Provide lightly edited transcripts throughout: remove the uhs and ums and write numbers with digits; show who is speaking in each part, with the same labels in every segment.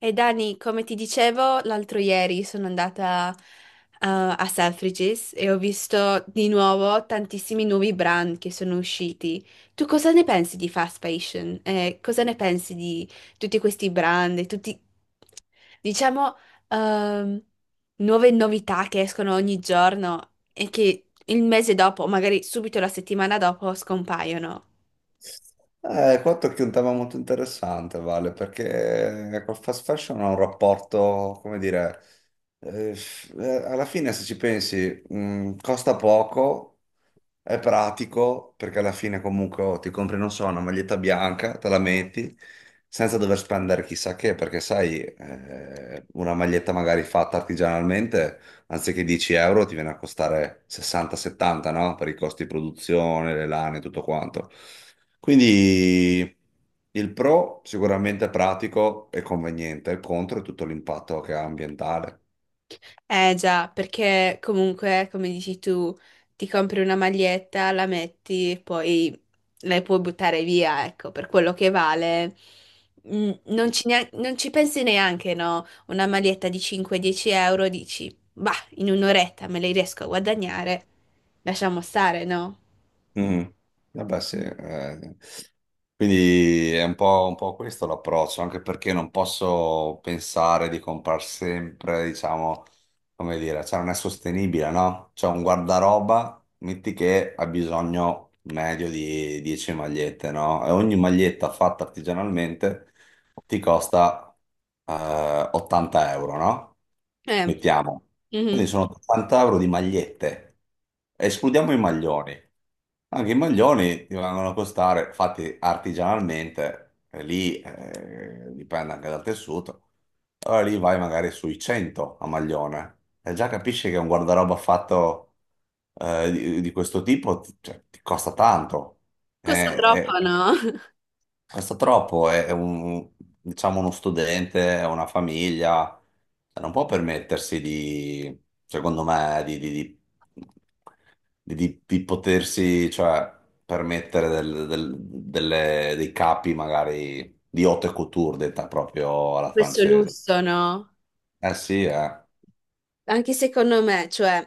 Speaker 1: E Dani, come ti dicevo, l'altro ieri sono andata a Selfridges e ho visto di nuovo tantissimi nuovi brand che sono usciti. Tu cosa ne pensi di fast fashion? Cosa ne pensi di tutti questi brand e tutti, diciamo, ehm, nuove novità che escono ogni giorno e che il mese dopo, magari subito la settimana dopo, scompaiono?
Speaker 2: Qua tocchi un tema molto interessante, Vale, perché col fast fashion ho un rapporto, come dire, eh, alla fine se ci pensi, costa poco, è pratico perché alla fine comunque ti compri, non so, una maglietta bianca, te la metti senza dover spendere chissà che, perché sai, una maglietta magari fatta artigianalmente, anziché 10 euro ti viene a costare 60-70, no? Per i costi di produzione, le lane, tutto quanto. Quindi il pro sicuramente è pratico e conveniente, il contro è tutto l'impatto che ha ambientale.
Speaker 1: Eh già, perché comunque, come dici tu, ti compri una maglietta, la metti e poi la puoi buttare via, ecco, per quello che vale. Non ci pensi neanche, no? Una maglietta di 5-10 euro, dici, bah, in un'oretta me le riesco a guadagnare, lasciamo stare, no?
Speaker 2: Mm. Vabbè, sì, eh. Quindi è un po' questo l'approccio, anche perché non posso pensare di comprare sempre, diciamo, come dire, cioè non è sostenibile, no? Cioè un guardaroba, metti che ha bisogno medio di 10 magliette, no? E ogni maglietta fatta artigianalmente ti costa 80 euro, no?
Speaker 1: Eh,
Speaker 2: Mettiamo.
Speaker 1: mhm.
Speaker 2: Quindi sono 80 euro di magliette. Escludiamo i maglioni. Anche i maglioni ti vengono a costare, fatti artigianalmente, e lì dipende anche dal tessuto. Allora lì vai magari sui 100 a maglione e già capisci che un guardaroba fatto di questo tipo cioè, ti costa tanto.
Speaker 1: Costa
Speaker 2: Eh,
Speaker 1: troppo,
Speaker 2: eh,
Speaker 1: no?
Speaker 2: Costa troppo, è un, diciamo uno studente, è una famiglia, cioè, non può permettersi di, secondo me, di potersi, cioè, permettere dei capi magari di haute couture, detta proprio alla
Speaker 1: Questo
Speaker 2: francese.
Speaker 1: lusso, no?
Speaker 2: Eh sì,
Speaker 1: Anche secondo me, cioè,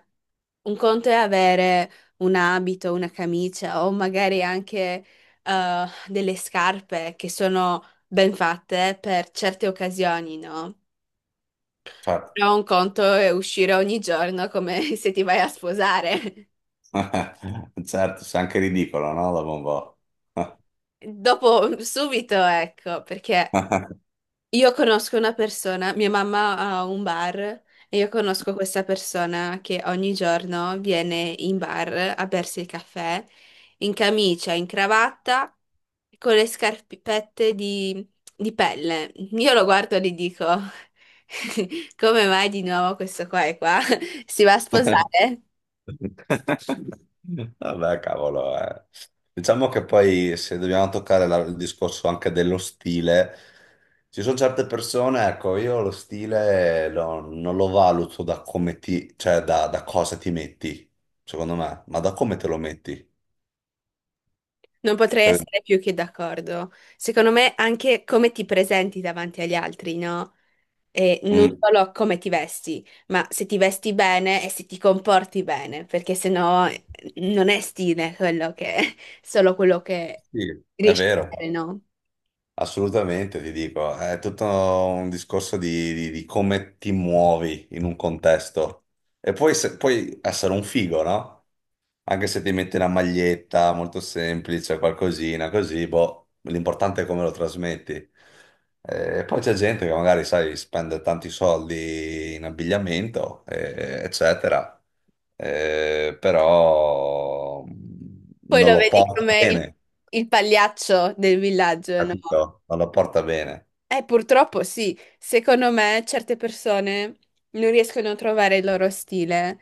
Speaker 1: un conto è avere un abito, una camicia o magari anche delle scarpe che sono ben fatte per certe occasioni, no?
Speaker 2: certo,
Speaker 1: Però un conto è uscire ogni giorno come se ti vai a sposare.
Speaker 2: certo, sei anche ridicolo, no? Dopo un po'.
Speaker 1: Dopo, subito, ecco, perché io conosco una persona, mia mamma ha un bar e io conosco questa persona che ogni giorno viene in bar a bersi il caffè in camicia, in cravatta, con le scarpette di pelle. Io lo guardo e gli dico, come mai di nuovo questo qua è qua? Si va a sposare?
Speaker 2: Vabbè, cavolo, eh. Diciamo che poi se dobbiamo toccare il discorso anche dello stile, ci sono certe persone, ecco, io lo stile non lo valuto da come ti, cioè da cosa ti metti, secondo me, ma da come te lo metti.
Speaker 1: Non potrei
Speaker 2: Per-
Speaker 1: essere più che d'accordo. Secondo me anche come ti presenti davanti agli altri, no? E non
Speaker 2: mm,
Speaker 1: solo come ti vesti, ma se ti vesti bene e se ti comporti bene, perché sennò non è stile quello che solo quello che
Speaker 2: sì, è
Speaker 1: riesci a
Speaker 2: vero,
Speaker 1: vedere, no?
Speaker 2: assolutamente, ti dico, è tutto un discorso di, di come ti muovi in un contesto. E poi, puoi essere un figo, no? Anche se ti metti una maglietta molto semplice, qualcosina così, boh, l'importante è come lo trasmetti. E poi c'è gente che magari, sai, spende tanti soldi in abbigliamento, eccetera. Però
Speaker 1: Poi
Speaker 2: non
Speaker 1: lo
Speaker 2: lo
Speaker 1: vedi
Speaker 2: porta
Speaker 1: come il,
Speaker 2: bene,
Speaker 1: il pagliaccio del villaggio, no?
Speaker 2: capito? Non lo porta bene.
Speaker 1: Purtroppo sì, secondo me certe persone non riescono a trovare il loro stile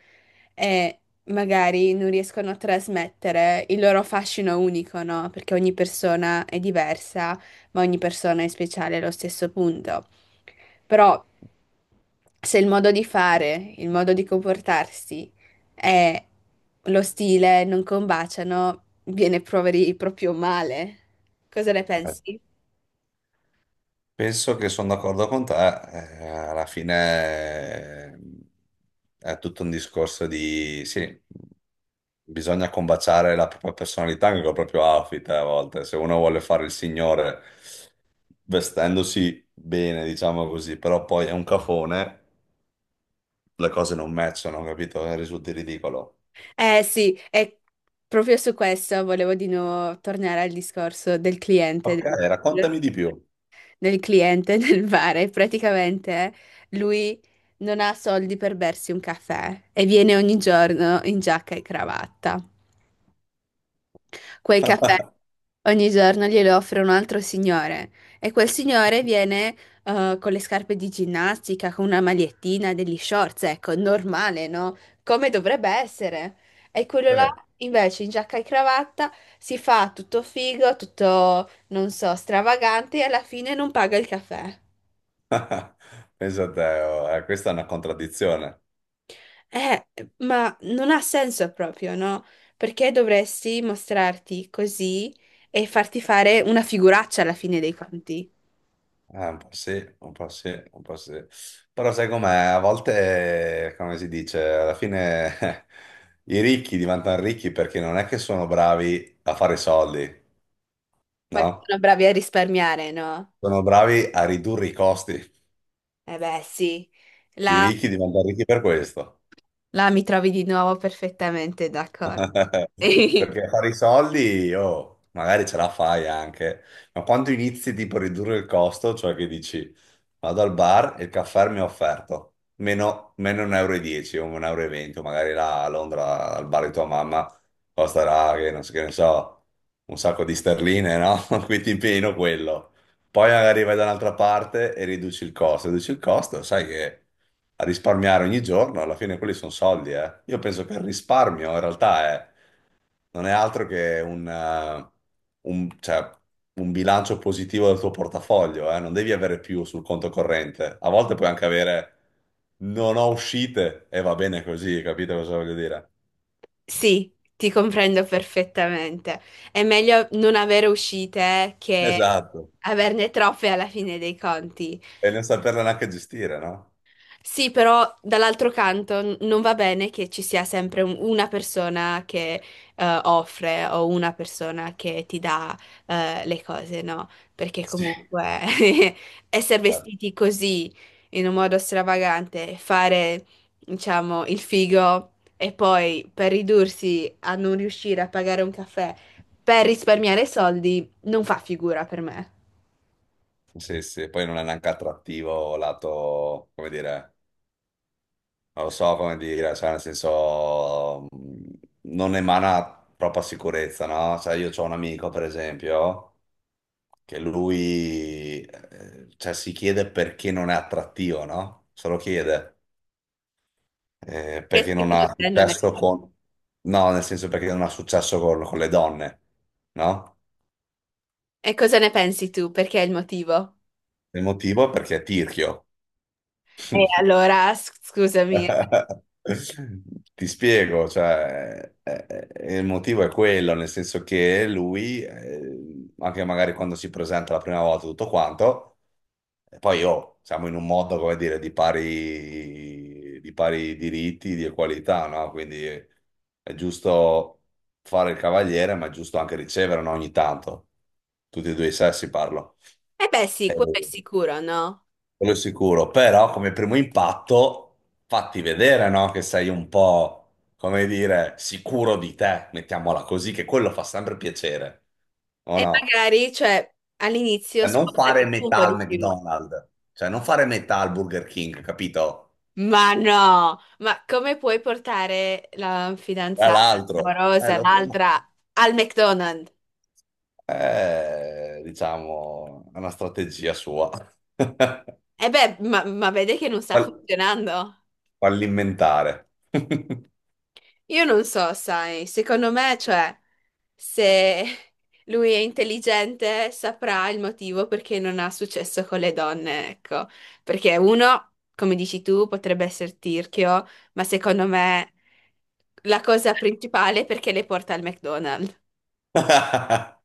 Speaker 1: e magari non riescono a trasmettere il loro fascino unico, no? Perché ogni persona è diversa, ma ogni persona è speciale allo stesso punto. Però se il modo di fare, il modo di comportarsi e lo stile non combaciano, viene proveri proprio male. Cosa ne pensi?
Speaker 2: Penso che sono d'accordo con te, alla fine è tutto un discorso di, sì, bisogna combaciare la propria personalità anche col proprio outfit a volte, se uno vuole fare il signore vestendosi bene, diciamo così, però poi è un cafone, le cose non matchano, capito? Risulti ridicolo.
Speaker 1: Eh sì, è proprio su questo volevo di nuovo tornare al discorso del cliente,
Speaker 2: Ok,
Speaker 1: del,
Speaker 2: raccontami di più.
Speaker 1: del cliente del bar. E praticamente lui non ha soldi per bersi un caffè e viene ogni giorno in giacca e cravatta. Quel caffè ogni giorno glielo offre un altro signore e quel signore viene con le scarpe di ginnastica, con una magliettina, degli shorts, ecco, normale, no? Come dovrebbe essere. E quello
Speaker 2: Sì.
Speaker 1: là invece in giacca e cravatta si fa tutto figo, tutto, non so, stravagante e alla fine non paga il caffè.
Speaker 2: Penso a te, questa è una contraddizione.
Speaker 1: Eh, ma non ha senso proprio, no? Perché dovresti mostrarti così e farti fare una figuraccia alla fine dei conti?
Speaker 2: Un po' sì, un po' sì, un po' sì. Però sai com'è? A volte, come si dice, alla fine i ricchi diventano ricchi perché non è che sono bravi a fare soldi,
Speaker 1: Ma che
Speaker 2: no?
Speaker 1: sono bravi a risparmiare, no?
Speaker 2: Sono bravi a ridurre i costi.
Speaker 1: Eh beh, sì.
Speaker 2: I
Speaker 1: Là,
Speaker 2: ricchi diventano ricchi per questo.
Speaker 1: là mi trovi di nuovo perfettamente d'accordo.
Speaker 2: Perché fare i soldi, magari ce la fai anche, ma quando inizi tipo a ridurre il costo, cioè che dici vado al bar e il caffè mi è offerto meno 1,10 euro e dieci o 1,20 euro, e venti, o magari là a Londra al bar di tua mamma costerà, che non so, che ne so, un sacco di sterline, no? Quindi ti impegno quello. Poi magari vai da un'altra parte e riduci il costo, sai che a risparmiare ogni giorno, alla fine quelli sono soldi, eh. Io penso che il risparmio in realtà non è altro che cioè, un bilancio positivo del tuo portafoglio, eh. Non devi avere più sul conto corrente. A volte puoi anche avere non ho uscite e va bene così, capito cosa voglio dire?
Speaker 1: Sì, ti comprendo perfettamente. È meglio non avere uscite che
Speaker 2: Esatto.
Speaker 1: averne troppe alla fine dei conti.
Speaker 2: E non saperle neanche gestire, no?
Speaker 1: Sì, però dall'altro canto non va bene che ci sia sempre una persona che offre o una persona che ti dà le cose, no? Perché
Speaker 2: Sì.
Speaker 1: comunque essere
Speaker 2: Eh,
Speaker 1: vestiti così in un modo stravagante, fare, diciamo, il figo e poi per ridursi a non riuscire a pagare un caffè per risparmiare soldi, non fa figura per me.
Speaker 2: Sì, sì, poi non è neanche attrattivo lato, come dire, non lo so come dire, cioè nel senso non emana troppa sicurezza, no? Cioè io ho un amico, per esempio, che lui cioè, si chiede perché non è attrattivo, no? Se lo chiede. Eh,
Speaker 1: Che
Speaker 2: perché non
Speaker 1: secondo
Speaker 2: ha
Speaker 1: te non è?
Speaker 2: successo con... No, nel senso perché non ha successo con le donne, no?
Speaker 1: E cosa ne pensi tu? Perché è il motivo?
Speaker 2: Il motivo è perché è tirchio.
Speaker 1: E allora, scusami. Eh
Speaker 2: Ti spiego, cioè, il motivo è quello, nel senso che lui, anche magari quando si presenta la prima volta tutto quanto, e poi siamo in un mondo, come dire, di pari diritti, di equalità, no? Quindi è giusto fare il cavaliere, ma è giusto anche ricevere, no? Ogni tanto, tutti e due i sessi parlo.
Speaker 1: beh, sì,
Speaker 2: Eh,
Speaker 1: quello è sicuro, no?
Speaker 2: quello sicuro, però come primo impatto fatti vedere, no? Che sei un po', come dire, sicuro di te, mettiamola così, che quello fa sempre piacere, o
Speaker 1: E
Speaker 2: no?
Speaker 1: magari, cioè, all'inizio
Speaker 2: Cioè, non fare
Speaker 1: spostati tu un
Speaker 2: metà
Speaker 1: po'
Speaker 2: al
Speaker 1: di più.
Speaker 2: McDonald's, cioè non fare metà al Burger King, capito?
Speaker 1: Ma no, ma come puoi portare la
Speaker 2: Tra
Speaker 1: fidanzata
Speaker 2: l'altro,
Speaker 1: amorosa,
Speaker 2: lo so.
Speaker 1: l'altra, al McDonald's?
Speaker 2: Diciamo, è una strategia sua.
Speaker 1: E beh, ma vede che non sta
Speaker 2: Fall-
Speaker 1: funzionando.
Speaker 2: fallimentare.
Speaker 1: Io non so, sai, secondo me, cioè, se lui è intelligente saprà il motivo perché non ha successo con le donne, ecco. Perché uno, come dici tu, potrebbe essere tirchio, ma secondo me la cosa principale è perché le porta al McDonald's.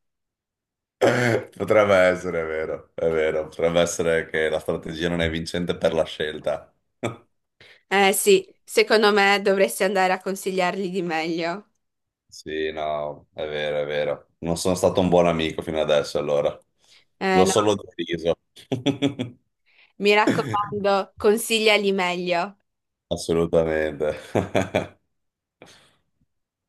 Speaker 2: Potrebbe essere, è vero, potrebbe essere che la strategia non è vincente per la scelta.
Speaker 1: Eh sì, secondo me dovresti andare a consigliargli di meglio.
Speaker 2: Sì, no, è vero, è vero. Non sono stato un buon amico fino adesso, allora.
Speaker 1: Eh
Speaker 2: L'ho
Speaker 1: no,
Speaker 2: solo deriso.
Speaker 1: mi raccomando, consigliali meglio.
Speaker 2: Assolutamente.